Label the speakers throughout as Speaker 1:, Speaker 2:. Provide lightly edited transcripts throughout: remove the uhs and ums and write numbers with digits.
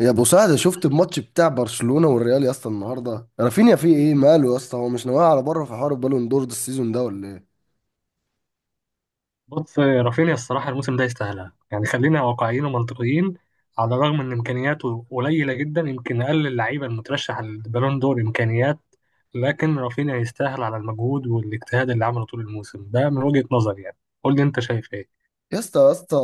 Speaker 1: يا ابو سعد، شفت الماتش بتاع برشلونة والريال يا اسطى النهارده؟ رافينيا فيه ايه، ماله يا اسطى؟ هو مش ناوي على بره في حوار البالون دور ده السيزون ده ولا ايه؟
Speaker 2: بص رافينيا الصراحة الموسم ده يستاهلها، يعني خلينا واقعيين ومنطقيين. على الرغم إن إمكانياته قليلة جدا، يمكن أقل اللعيبة المترشح للبالون دور إمكانيات. لكن رافينيا يستاهل على المجهود والاجتهاد اللي عمله طول الموسم ده، من وجهة نظري يعني. قول لي أنت شايف إيه؟
Speaker 1: يا اسطى يا اسطى،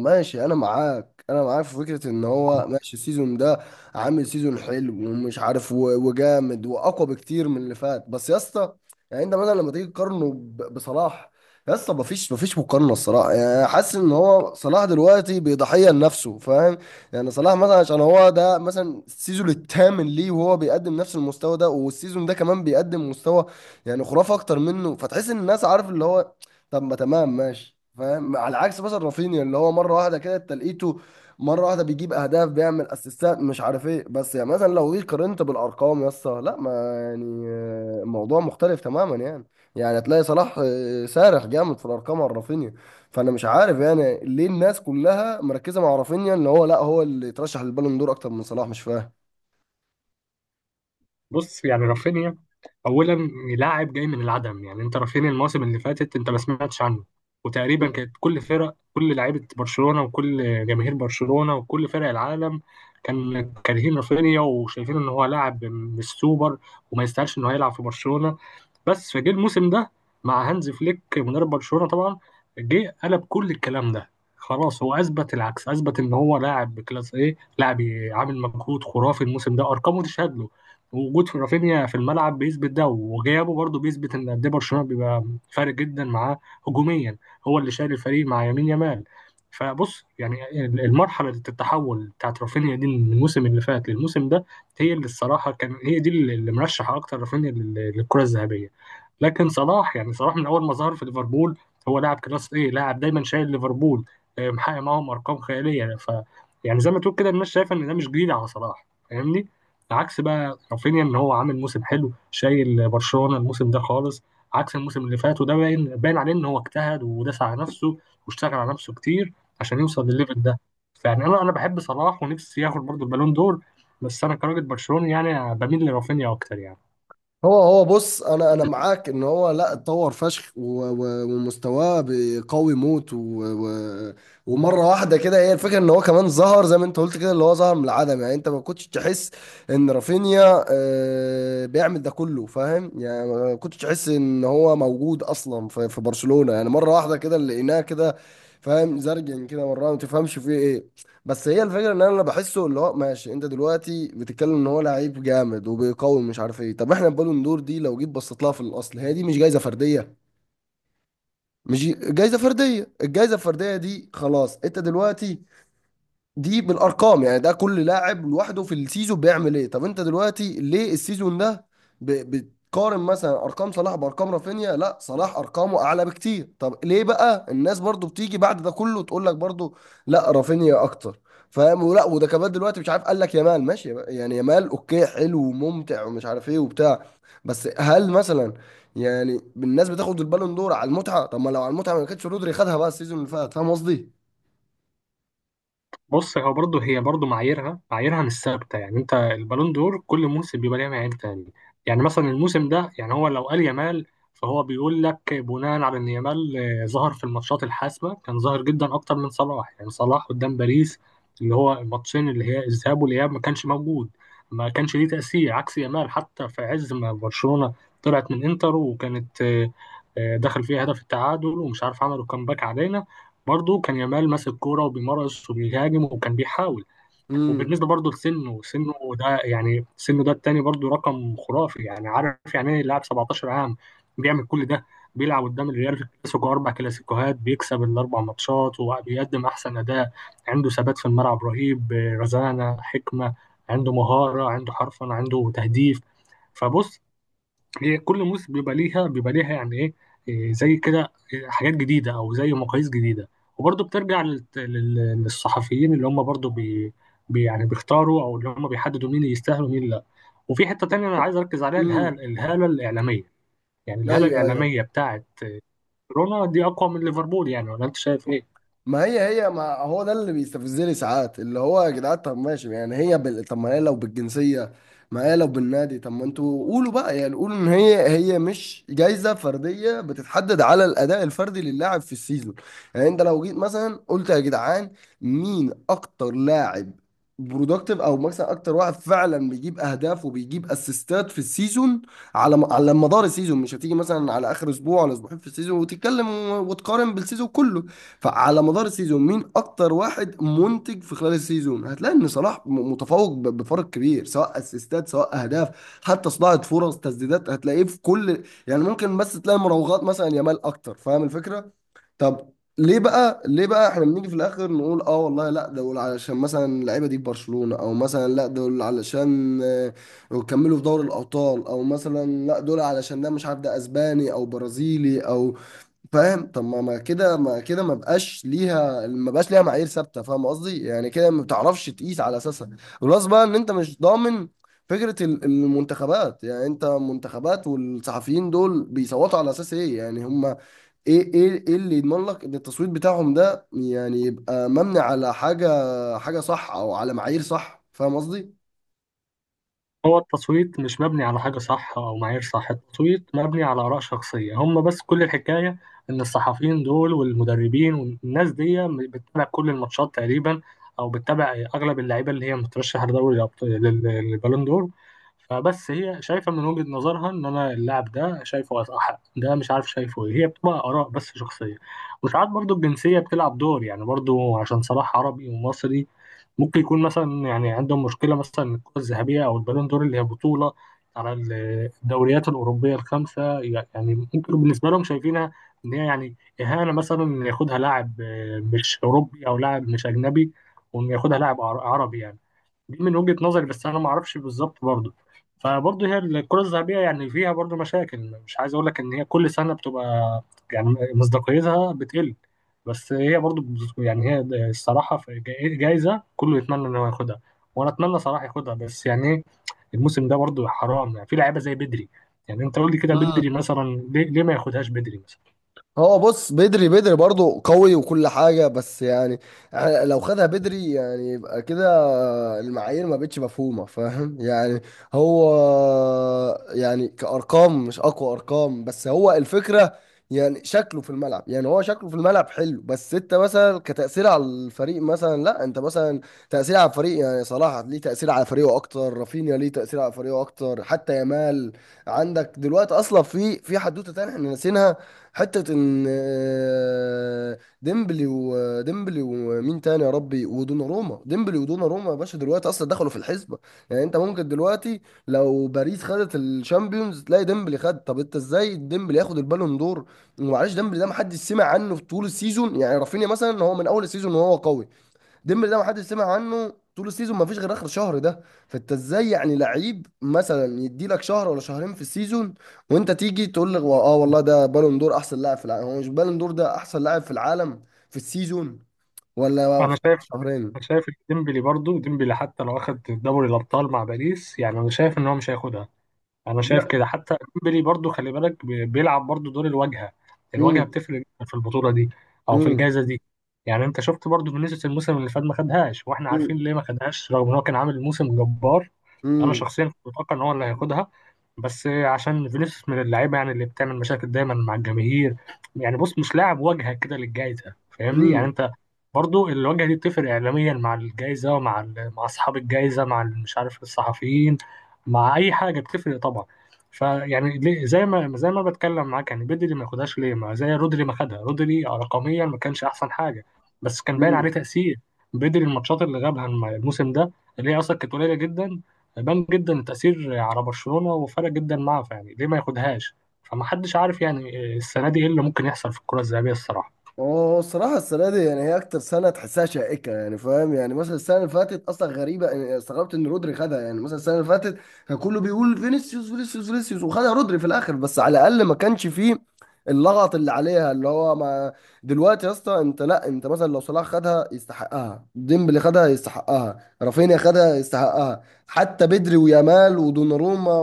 Speaker 1: ماشي، انا معاك في فكره ان هو ماشي السيزون ده، عامل سيزون حلو ومش عارف وجامد واقوى بكتير من اللي فات. بس يا اسطى، يعني انت مثلا لما تيجي تقارنه بصلاح، يا اسطى مفيش مقارنه الصراحه. يعني حاسس ان هو صلاح دلوقتي بيضحيه لنفسه، فاهم؟ يعني صلاح مثلا عشان هو ده مثلا السيزون الثامن ليه وهو بيقدم نفس المستوى ده، والسيزون ده كمان بيقدم مستوى يعني خرافه اكتر منه، فتحس ان الناس عارف اللي هو، طب ما تمام، ماشي فاهم. على عكس مثلا رافينيا اللي هو مره واحده كده تلقيته مره واحده بيجيب اهداف، بيعمل اسيستات، مش عارف ايه. بس يعني مثلا لو جيت قارنت بالارقام يا اسطى، لا ما يعني آه، الموضوع مختلف تماما يعني. يعني هتلاقي صلاح آه، سارح جامد في الارقام عن رافينيا. فانا مش عارف يعني ليه الناس كلها مركزه مع رافينيا ان هو لا هو اللي يترشح للبالون دور اكتر من صلاح. مش فاهم.
Speaker 2: بص يعني رافينيا، اولا لاعب جاي من العدم. يعني انت رافينيا الموسم اللي فاتت انت ما سمعتش عنه. وتقريبا كانت كل فرق كل لعيبه برشلونه وكل جماهير برشلونه وكل فرق العالم كان كارهين رافينيا وشايفين ان هو لاعب مش سوبر وما يستاهلش ان هو يلعب في برشلونه. بس فجه الموسم ده مع هانز فليك مدرب برشلونة طبعا جه قلب كل الكلام ده. خلاص، هو اثبت العكس، اثبت ان هو لاعب بكلاس ايه لاعب، عامل مجهود خرافي الموسم ده. ارقامه تشهد له، وجود في رافينيا في الملعب بيثبت ده، وغيابه برضه بيثبت ان قد ايه برشلونة بيبقى فارق جدا معاه هجوميا. هو اللي شايل الفريق مع يمين يمال. فبص يعني المرحلة التحول بتاعت رافينيا دي من الموسم اللي فات للموسم ده، هي اللي الصراحة كان هي دي اللي مرشح أكتر رافينيا للكرة الذهبية. لكن صلاح، يعني صلاح من اول ما ظهر في ليفربول هو لاعب كلاس ايه لاعب، دايما شايل ليفربول، محقق معاهم ارقام خياليه يعني. ف يعني زي ما تقول كده، الناس شايفه ان ده مش جديد على صلاح، فاهمني؟ عكس بقى رافينيا، ان هو عامل موسم حلو شايل برشلونه الموسم ده خالص عكس الموسم اللي فات. وده باين باين عليه ان هو اجتهد وداس على نفسه واشتغل على نفسه كتير عشان يوصل للليفل ده. فيعني انا بحب صلاح ونفسي ياخد برضه البالون دور، بس انا كراجل برشلوني يعني بميل لرافينيا اكتر يعني.
Speaker 1: هو بص، انا معاك ان هو لا اتطور فشخ ومستواه قوي موت و و ومره واحده كده. هي الفكره ان هو كمان ظهر زي ما انت قلت كده، اللي هو ظهر من العدم. يعني انت ما كنتش تحس ان رافينيا آه، بيعمل ده كله، فاهم؟ يعني ما كنتش تحس ان هو موجود اصلا في برشلونه، يعني مره واحده كده لقيناه كده، فاهم؟ زرجن كده مره ما تفهمش فيه ايه. بس هي الفكره ان انا بحسه اللي هو ماشي. انت دلوقتي بتتكلم ان هو لعيب جامد وبيقوي مش عارف ايه، طب احنا البالون دور دي لو جيت بصيت لها في الاصل، هي دي مش جايزه فرديه؟ مش جايزه فرديه. الجايزه الفرديه دي خلاص انت دلوقتي، دي بالارقام، يعني ده كل لاعب لوحده في السيزون بيعمل ايه. طب انت دلوقتي ليه السيزون ده بتقارن مثلا ارقام صلاح بارقام رافينيا؟ لا، صلاح ارقامه اعلى بكتير. طب ليه بقى الناس برضو بتيجي بعد ده كله تقول لك برضو لا رافينيا اكتر؟ فاهم؟ ولا وده كمان دلوقتي مش عارف، قال لك يامال ماشي بقى، يعني يامال اوكي، حلو وممتع ومش عارف ايه وبتاع، بس هل مثلا يعني الناس بتاخد البالون دور على المتعه؟ طب ما لو على المتعه ما كانتش رودري خدها بقى السيزون اللي فات، فاهم قصدي؟
Speaker 2: بص، هو برضه هي برضه معاييرها مش ثابته. يعني انت البالون دور كل موسم بيبقى ليها معايير تاني. يعني مثلا الموسم ده، يعني هو لو قال يامال فهو بيقول لك بناء على ان يامال ظهر في الماتشات الحاسمه، كان ظاهر جدا اكتر من صلاح. يعني صلاح قدام باريس، اللي هو الماتشين اللي هي الذهاب والاياب، ما كانش موجود، ما كانش ليه تاثير، عكس يامال. حتى في عز ما برشلونه طلعت من انتر، وكانت دخل فيها هدف التعادل، ومش عارف عملوا كامباك علينا، برضه كان يامال ماسك كوره وبيمارس وبيهاجم وكان بيحاول.
Speaker 1: امم.
Speaker 2: وبالنسبه برضه لسنه ده، يعني سنه ده التاني برضه رقم خرافي. يعني عارف يعني ايه لاعب 17 عام بيعمل كل ده، بيلعب قدام الريال في الكلاسيكو اربع كلاسيكوهات بيكسب الاربع ماتشات وبيقدم احسن اداء، عنده ثبات في الملعب رهيب، رزانه، حكمه، عنده مهاره، عنده حرفنه، عنده تهديف. فبص، هي كل موسم بيبقى ليها يعني ايه، إيه زي كده، إيه حاجات جديده او زي مقاييس جديده. وبرضه بترجع للصحفيين اللي هم برضه يعني بيختاروا او اللي هم بيحددوا مين اللي يستاهل ومين لا. وفي حته تانية انا عايز اركز عليها،
Speaker 1: امم.
Speaker 2: الهاله الاعلاميه. يعني الهاله
Speaker 1: ايوه، ايوه.
Speaker 2: الاعلاميه بتاعت كورونا دي اقوى من ليفربول، يعني ولا انت شايف ايه؟
Speaker 1: ما هي هي، ما هو ده اللي بيستفزني ساعات اللي هو يا جدعان، طب ماشي، يعني هي بال... طب ما هي لو بالجنسيه، ما هي لو بالنادي، طب ما انتوا قولوا بقى يعني، قولوا ان هي هي مش جايزه فرديه بتتحدد على الاداء الفردي للاعب في السيزون. يعني انت لو جيت مثلا قلت يا جدعان، مين اكتر لاعب برودكتيف او مثلا اكتر واحد فعلا بيجيب اهداف وبيجيب اسيستات في السيزون، على مدار السيزون، مش هتيجي مثلا على اخر اسبوع ولا اسبوعين في السيزون وتتكلم وتقارن بالسيزون كله. فعلى مدار السيزون مين اكتر واحد منتج في خلال السيزون؟ هتلاقي ان صلاح متفوق بفرق كبير، سواء اسيستات سواء اهداف، حتى صناعه فرص، تسديدات، هتلاقيه في كل يعني، ممكن بس تلاقي مراوغات مثلا يامال اكتر، فاهم الفكره؟ طب ليه بقى احنا بنيجي في الاخر نقول اه والله لا دول علشان مثلا اللعيبه دي في برشلونه، او مثلا لا دول علشان آه، يكملوا في دوري الابطال، او مثلا لا دول علشان ده مش عارف ده اسباني او برازيلي او، فاهم؟ طب ما كده ما بقاش ليها معايير ثابته، فاهم قصدي؟ يعني كده ما بتعرفش تقيس على اساسها. بلس بقى ان انت مش ضامن فكره المنتخبات، يعني انت منتخبات والصحفيين دول بيصوتوا على اساس ايه؟ يعني هم ايه اللي يضمن لك ان التصويت بتاعهم ده يعني يبقى مبني على حاجه حاجه صح او على معايير صح، فاهم قصدي؟
Speaker 2: هو التصويت مش مبني على حاجة صح أو معايير صح، التصويت مبني على آراء شخصية هم، بس كل الحكاية إن الصحفيين دول والمدربين والناس دي بتتابع كل الماتشات تقريبا، أو بتتابع أغلب اللعيبة اللي هي مترشحة لدوري للبالون دور. فبس هي شايفة من وجهة نظرها إن أنا اللاعب ده شايفه أحق، ده مش عارف شايفه إيه، هي بتبقى آراء بس شخصية. وساعات برضو الجنسية بتلعب دور، يعني برضو عشان صلاح عربي ومصري، ممكن يكون مثلا يعني عندهم مشكلة مثلا إن الكرة الذهبية أو البالون دور اللي هي بطولة على الدوريات الأوروبية الخمسة، يعني ممكن بالنسبة لهم شايفينها إن هي يعني إهانة مثلا إن ياخدها لاعب مش أوروبي أو لاعب مش أجنبي، وإن ياخدها لاعب عربي يعني. دي من وجهة نظري بس، انا ما اعرفش بالظبط برضه. فبرضه هي الكرة الذهبية يعني فيها برضه مشاكل، مش عايز اقول لك ان هي كل سنة بتبقى يعني مصداقيتها بتقل، بس هي برضه يعني هي الصراحة في جايزة كله يتمنى ان هو ياخدها، وانا اتمنى صراحة ياخدها. بس يعني إيه، الموسم ده برضه حرام يعني في لعيبة زي بدري. يعني انت قول لي كده بدري مثلا، ليه ما ياخدهاش بدري مثلا.
Speaker 1: هو بص، بدري برضه قوي وكل حاجة، بس يعني لو خدها بدري يعني يبقى كده المعايير ما بقتش مفهومة، فاهم يعني؟ هو يعني كأرقام مش أقوى أرقام، بس هو الفكرة يعني شكله في الملعب، يعني هو شكله في الملعب حلو، بس انت مثلا كتأثير على الفريق مثلا، لا انت مثلا تأثير على الفريق، يعني صلاح ليه تأثير على فريقه اكتر، رافينيا ليه تأثير على فريقه اكتر، حتى يامال. عندك دلوقتي اصلا في حدوتة تانية احنا ناسينها، حتة ان آه، ديمبلي وديمبلي ومين تاني يا ربي ودوناروما ديمبلي ودوناروما يا باشا دلوقتي اصلا دخلوا في الحسبة. يعني انت ممكن دلوقتي لو باريس خدت الشامبيونز تلاقي ديمبلي خد. طب انت ازاي ديمبلي ياخد البالون دور؟ ومعلش ديمبلي ده محدش سمع عنه في طول السيزون، يعني رافينيا مثلا هو من اول السيزون وهو قوي، ديمبلي ده ما حدش سمع عنه طول السيزون ما فيش غير اخر شهر ده. فانت ازاي يعني لعيب مثلا يدي لك شهر ولا شهرين في السيزون وانت تيجي تقول لي اه والله ده بالون دور احسن لاعب في العالم؟ هو مش بالون دور ده احسن لاعب في العالم في السيزون، ولا
Speaker 2: انا
Speaker 1: في آخر
Speaker 2: شايف انا
Speaker 1: شهرين؟
Speaker 2: شايف ديمبلي برضه، ديمبلي حتى لو اخد دوري الابطال مع باريس يعني انا شايف ان هو مش هياخدها. انا شايف
Speaker 1: لا.
Speaker 2: كده. حتى ديمبلي برضو خلي بالك بيلعب برضو دور الواجهه. الواجهه
Speaker 1: امم.
Speaker 2: بتفرق جدا في البطوله دي او في
Speaker 1: امم.
Speaker 2: الجائزه دي. يعني انت شفت برضو فينيسيوس الموسم اللي فات ما خدهاش، واحنا عارفين ليه ما خدهاش رغم ان هو كان عامل موسم جبار. انا
Speaker 1: امم.
Speaker 2: شخصيا كنت متوقع ان هو اللي هياخدها، بس عشان فينيسيوس من اللعيبه يعني اللي بتعمل مشاكل دايما مع الجماهير، يعني بص مش لاعب واجهه كده للجائزه، فاهمني؟ يعني انت برضو الواجهه دي بتفرق اعلاميا مع الجائزه ومع مع اصحاب الجائزه مع مش عارف الصحفيين، مع اي حاجه بتفرق طبعا. فيعني زي ما بتكلم معاك، يعني بدري ما ياخدهاش ليه؟ ما زي رودري ما خدها، رودري رقميا ما كانش احسن حاجه بس كان باين عليه
Speaker 1: امم.
Speaker 2: تاثير. بدري الماتشات اللي غابها الموسم ده، اللي هي اصلا كانت قليله جدا، بان جدا التاثير على برشلونه وفرق جدا معاه، فيعني ليه ما ياخدهاش؟ فما حدش عارف يعني السنه دي ايه اللي ممكن يحصل في الكره الذهبيه الصراحه.
Speaker 1: هو الصراحة السنة دي يعني هي أكتر سنة تحسها شائكة، يعني فاهم؟ يعني مثلا السنة اللي فاتت أصلا غريبة، يعني استغربت إن رودري خدها. يعني مثلا السنة اللي فاتت كان كله بيقول فينيسيوس فينيسيوس فينيسيوس وخدها رودري في الآخر، بس على الأقل ما كانش فيه اللغط اللي عليها اللي هو ما، دلوقتي يا اسطى أنت، لا أنت مثلا لو صلاح خدها يستحقها، ديمبلي خدها يستحقها، رافينيا خدها يستحقها، حتى بدري ويامال ودوناروما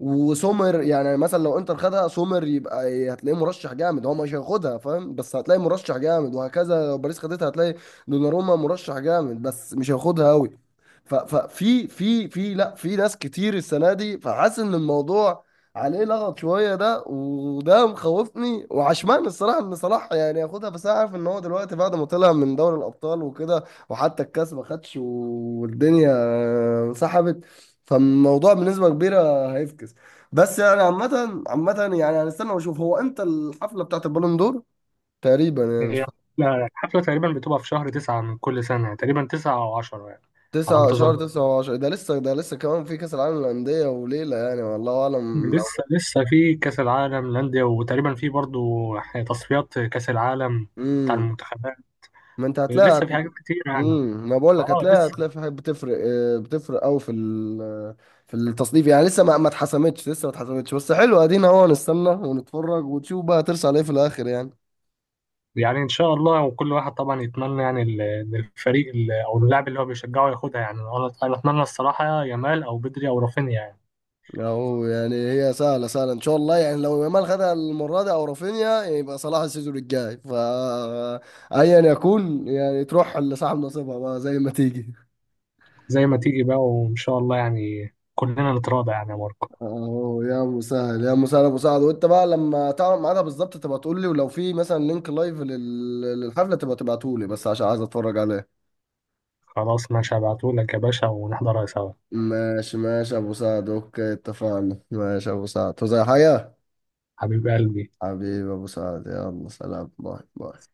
Speaker 1: وسومر. يعني مثلا لو انتر خدها سومر يبقى ايه، هتلاقيه مرشح جامد، هو مش هياخدها فاهم، بس هتلاقي مرشح جامد، وهكذا لو باريس خدتها هتلاقي دوناروما مرشح جامد بس مش هياخدها قوي. ففي في في لا، في ناس كتير السنه دي، فحاسس ان الموضوع عليه لغط شويه ده، وده مخوفني، وعشمان الصراحه ان صلاح يعني ياخدها، بس انا عارف ان هو دلوقتي بعد ما طلع من دوري الابطال وكده، وحتى الكاس ما خدش والدنيا سحبت، فالموضوع بنسبه كبيره هيفكس. بس يعني عامة عامة، يعني هنستنى واشوف هو امتى الحفلة بتاعت البالون دور تقريبا، يعني مش
Speaker 2: هي
Speaker 1: فاهم.
Speaker 2: الحفله تقريبا بتبقى في شهر 9 من كل سنه، تقريبا 9 أو 10 يعني، على ما
Speaker 1: 9، شهر
Speaker 2: أتذكر.
Speaker 1: تسعة وعشرة ده لسه، ده لسه كمان في كأس العالم للأندية وليلة، يعني والله أعلم
Speaker 2: لسه
Speaker 1: لو،
Speaker 2: لسه في كأس العالم للأندية، وتقريبا في برضو تصفيات كأس العالم بتاع
Speaker 1: امم.
Speaker 2: المنتخبات.
Speaker 1: ما انت هتلاقي
Speaker 2: لسه
Speaker 1: هت...
Speaker 2: في حاجات كتير يعني.
Speaker 1: امم، ما بقول لك
Speaker 2: اه
Speaker 1: هتلاقي
Speaker 2: لسه.
Speaker 1: في حاجات بتفرق آه، بتفرق قوي في ال... في التصنيف، يعني لسه ما اتحسمتش. بس حلو، ادينا اهو نستنى ونتفرج ونشوف بقى ترسى على ايه في الآخر يعني.
Speaker 2: يعني ان شاء الله وكل واحد طبعا يتمنى يعني إن الفريق او اللاعب اللي هو بيشجعه ياخدها، يعني انا اتمنى الصراحة يامال او بدري او رافينيا يعني.
Speaker 1: اهو، يعني هي سهله سهله ان شاء الله، يعني لو يامال خدها المره دي او رافينيا يبقى صلاح السيزون الجاي، ف ايا يكون، يعني تروح لصاحب نصيبها بقى زي ما تيجي.
Speaker 2: زي ما تيجي بقى، وان شاء الله يعني كلنا نتراضى يعني يا ماركو.
Speaker 1: اهو يا ابو سعد، وانت بقى لما تعرف ميعادها بالظبط تبقى تقول لي، ولو في مثلا لينك لايف للحفله تبقى تبعته لي، بس عشان عايز اتفرج عليه.
Speaker 2: خلاص ماشي، هبعتهولك يا باشا ونحضرها سوا.
Speaker 1: ماشي ماشي يا ابو سعد، اوكي، اتفقنا. ماشي يا ابو سعد، تو زي حاجه.
Speaker 2: حبيب قلبي.
Speaker 1: حبيبي يا ابو سعد، يلا سلام، باي باي.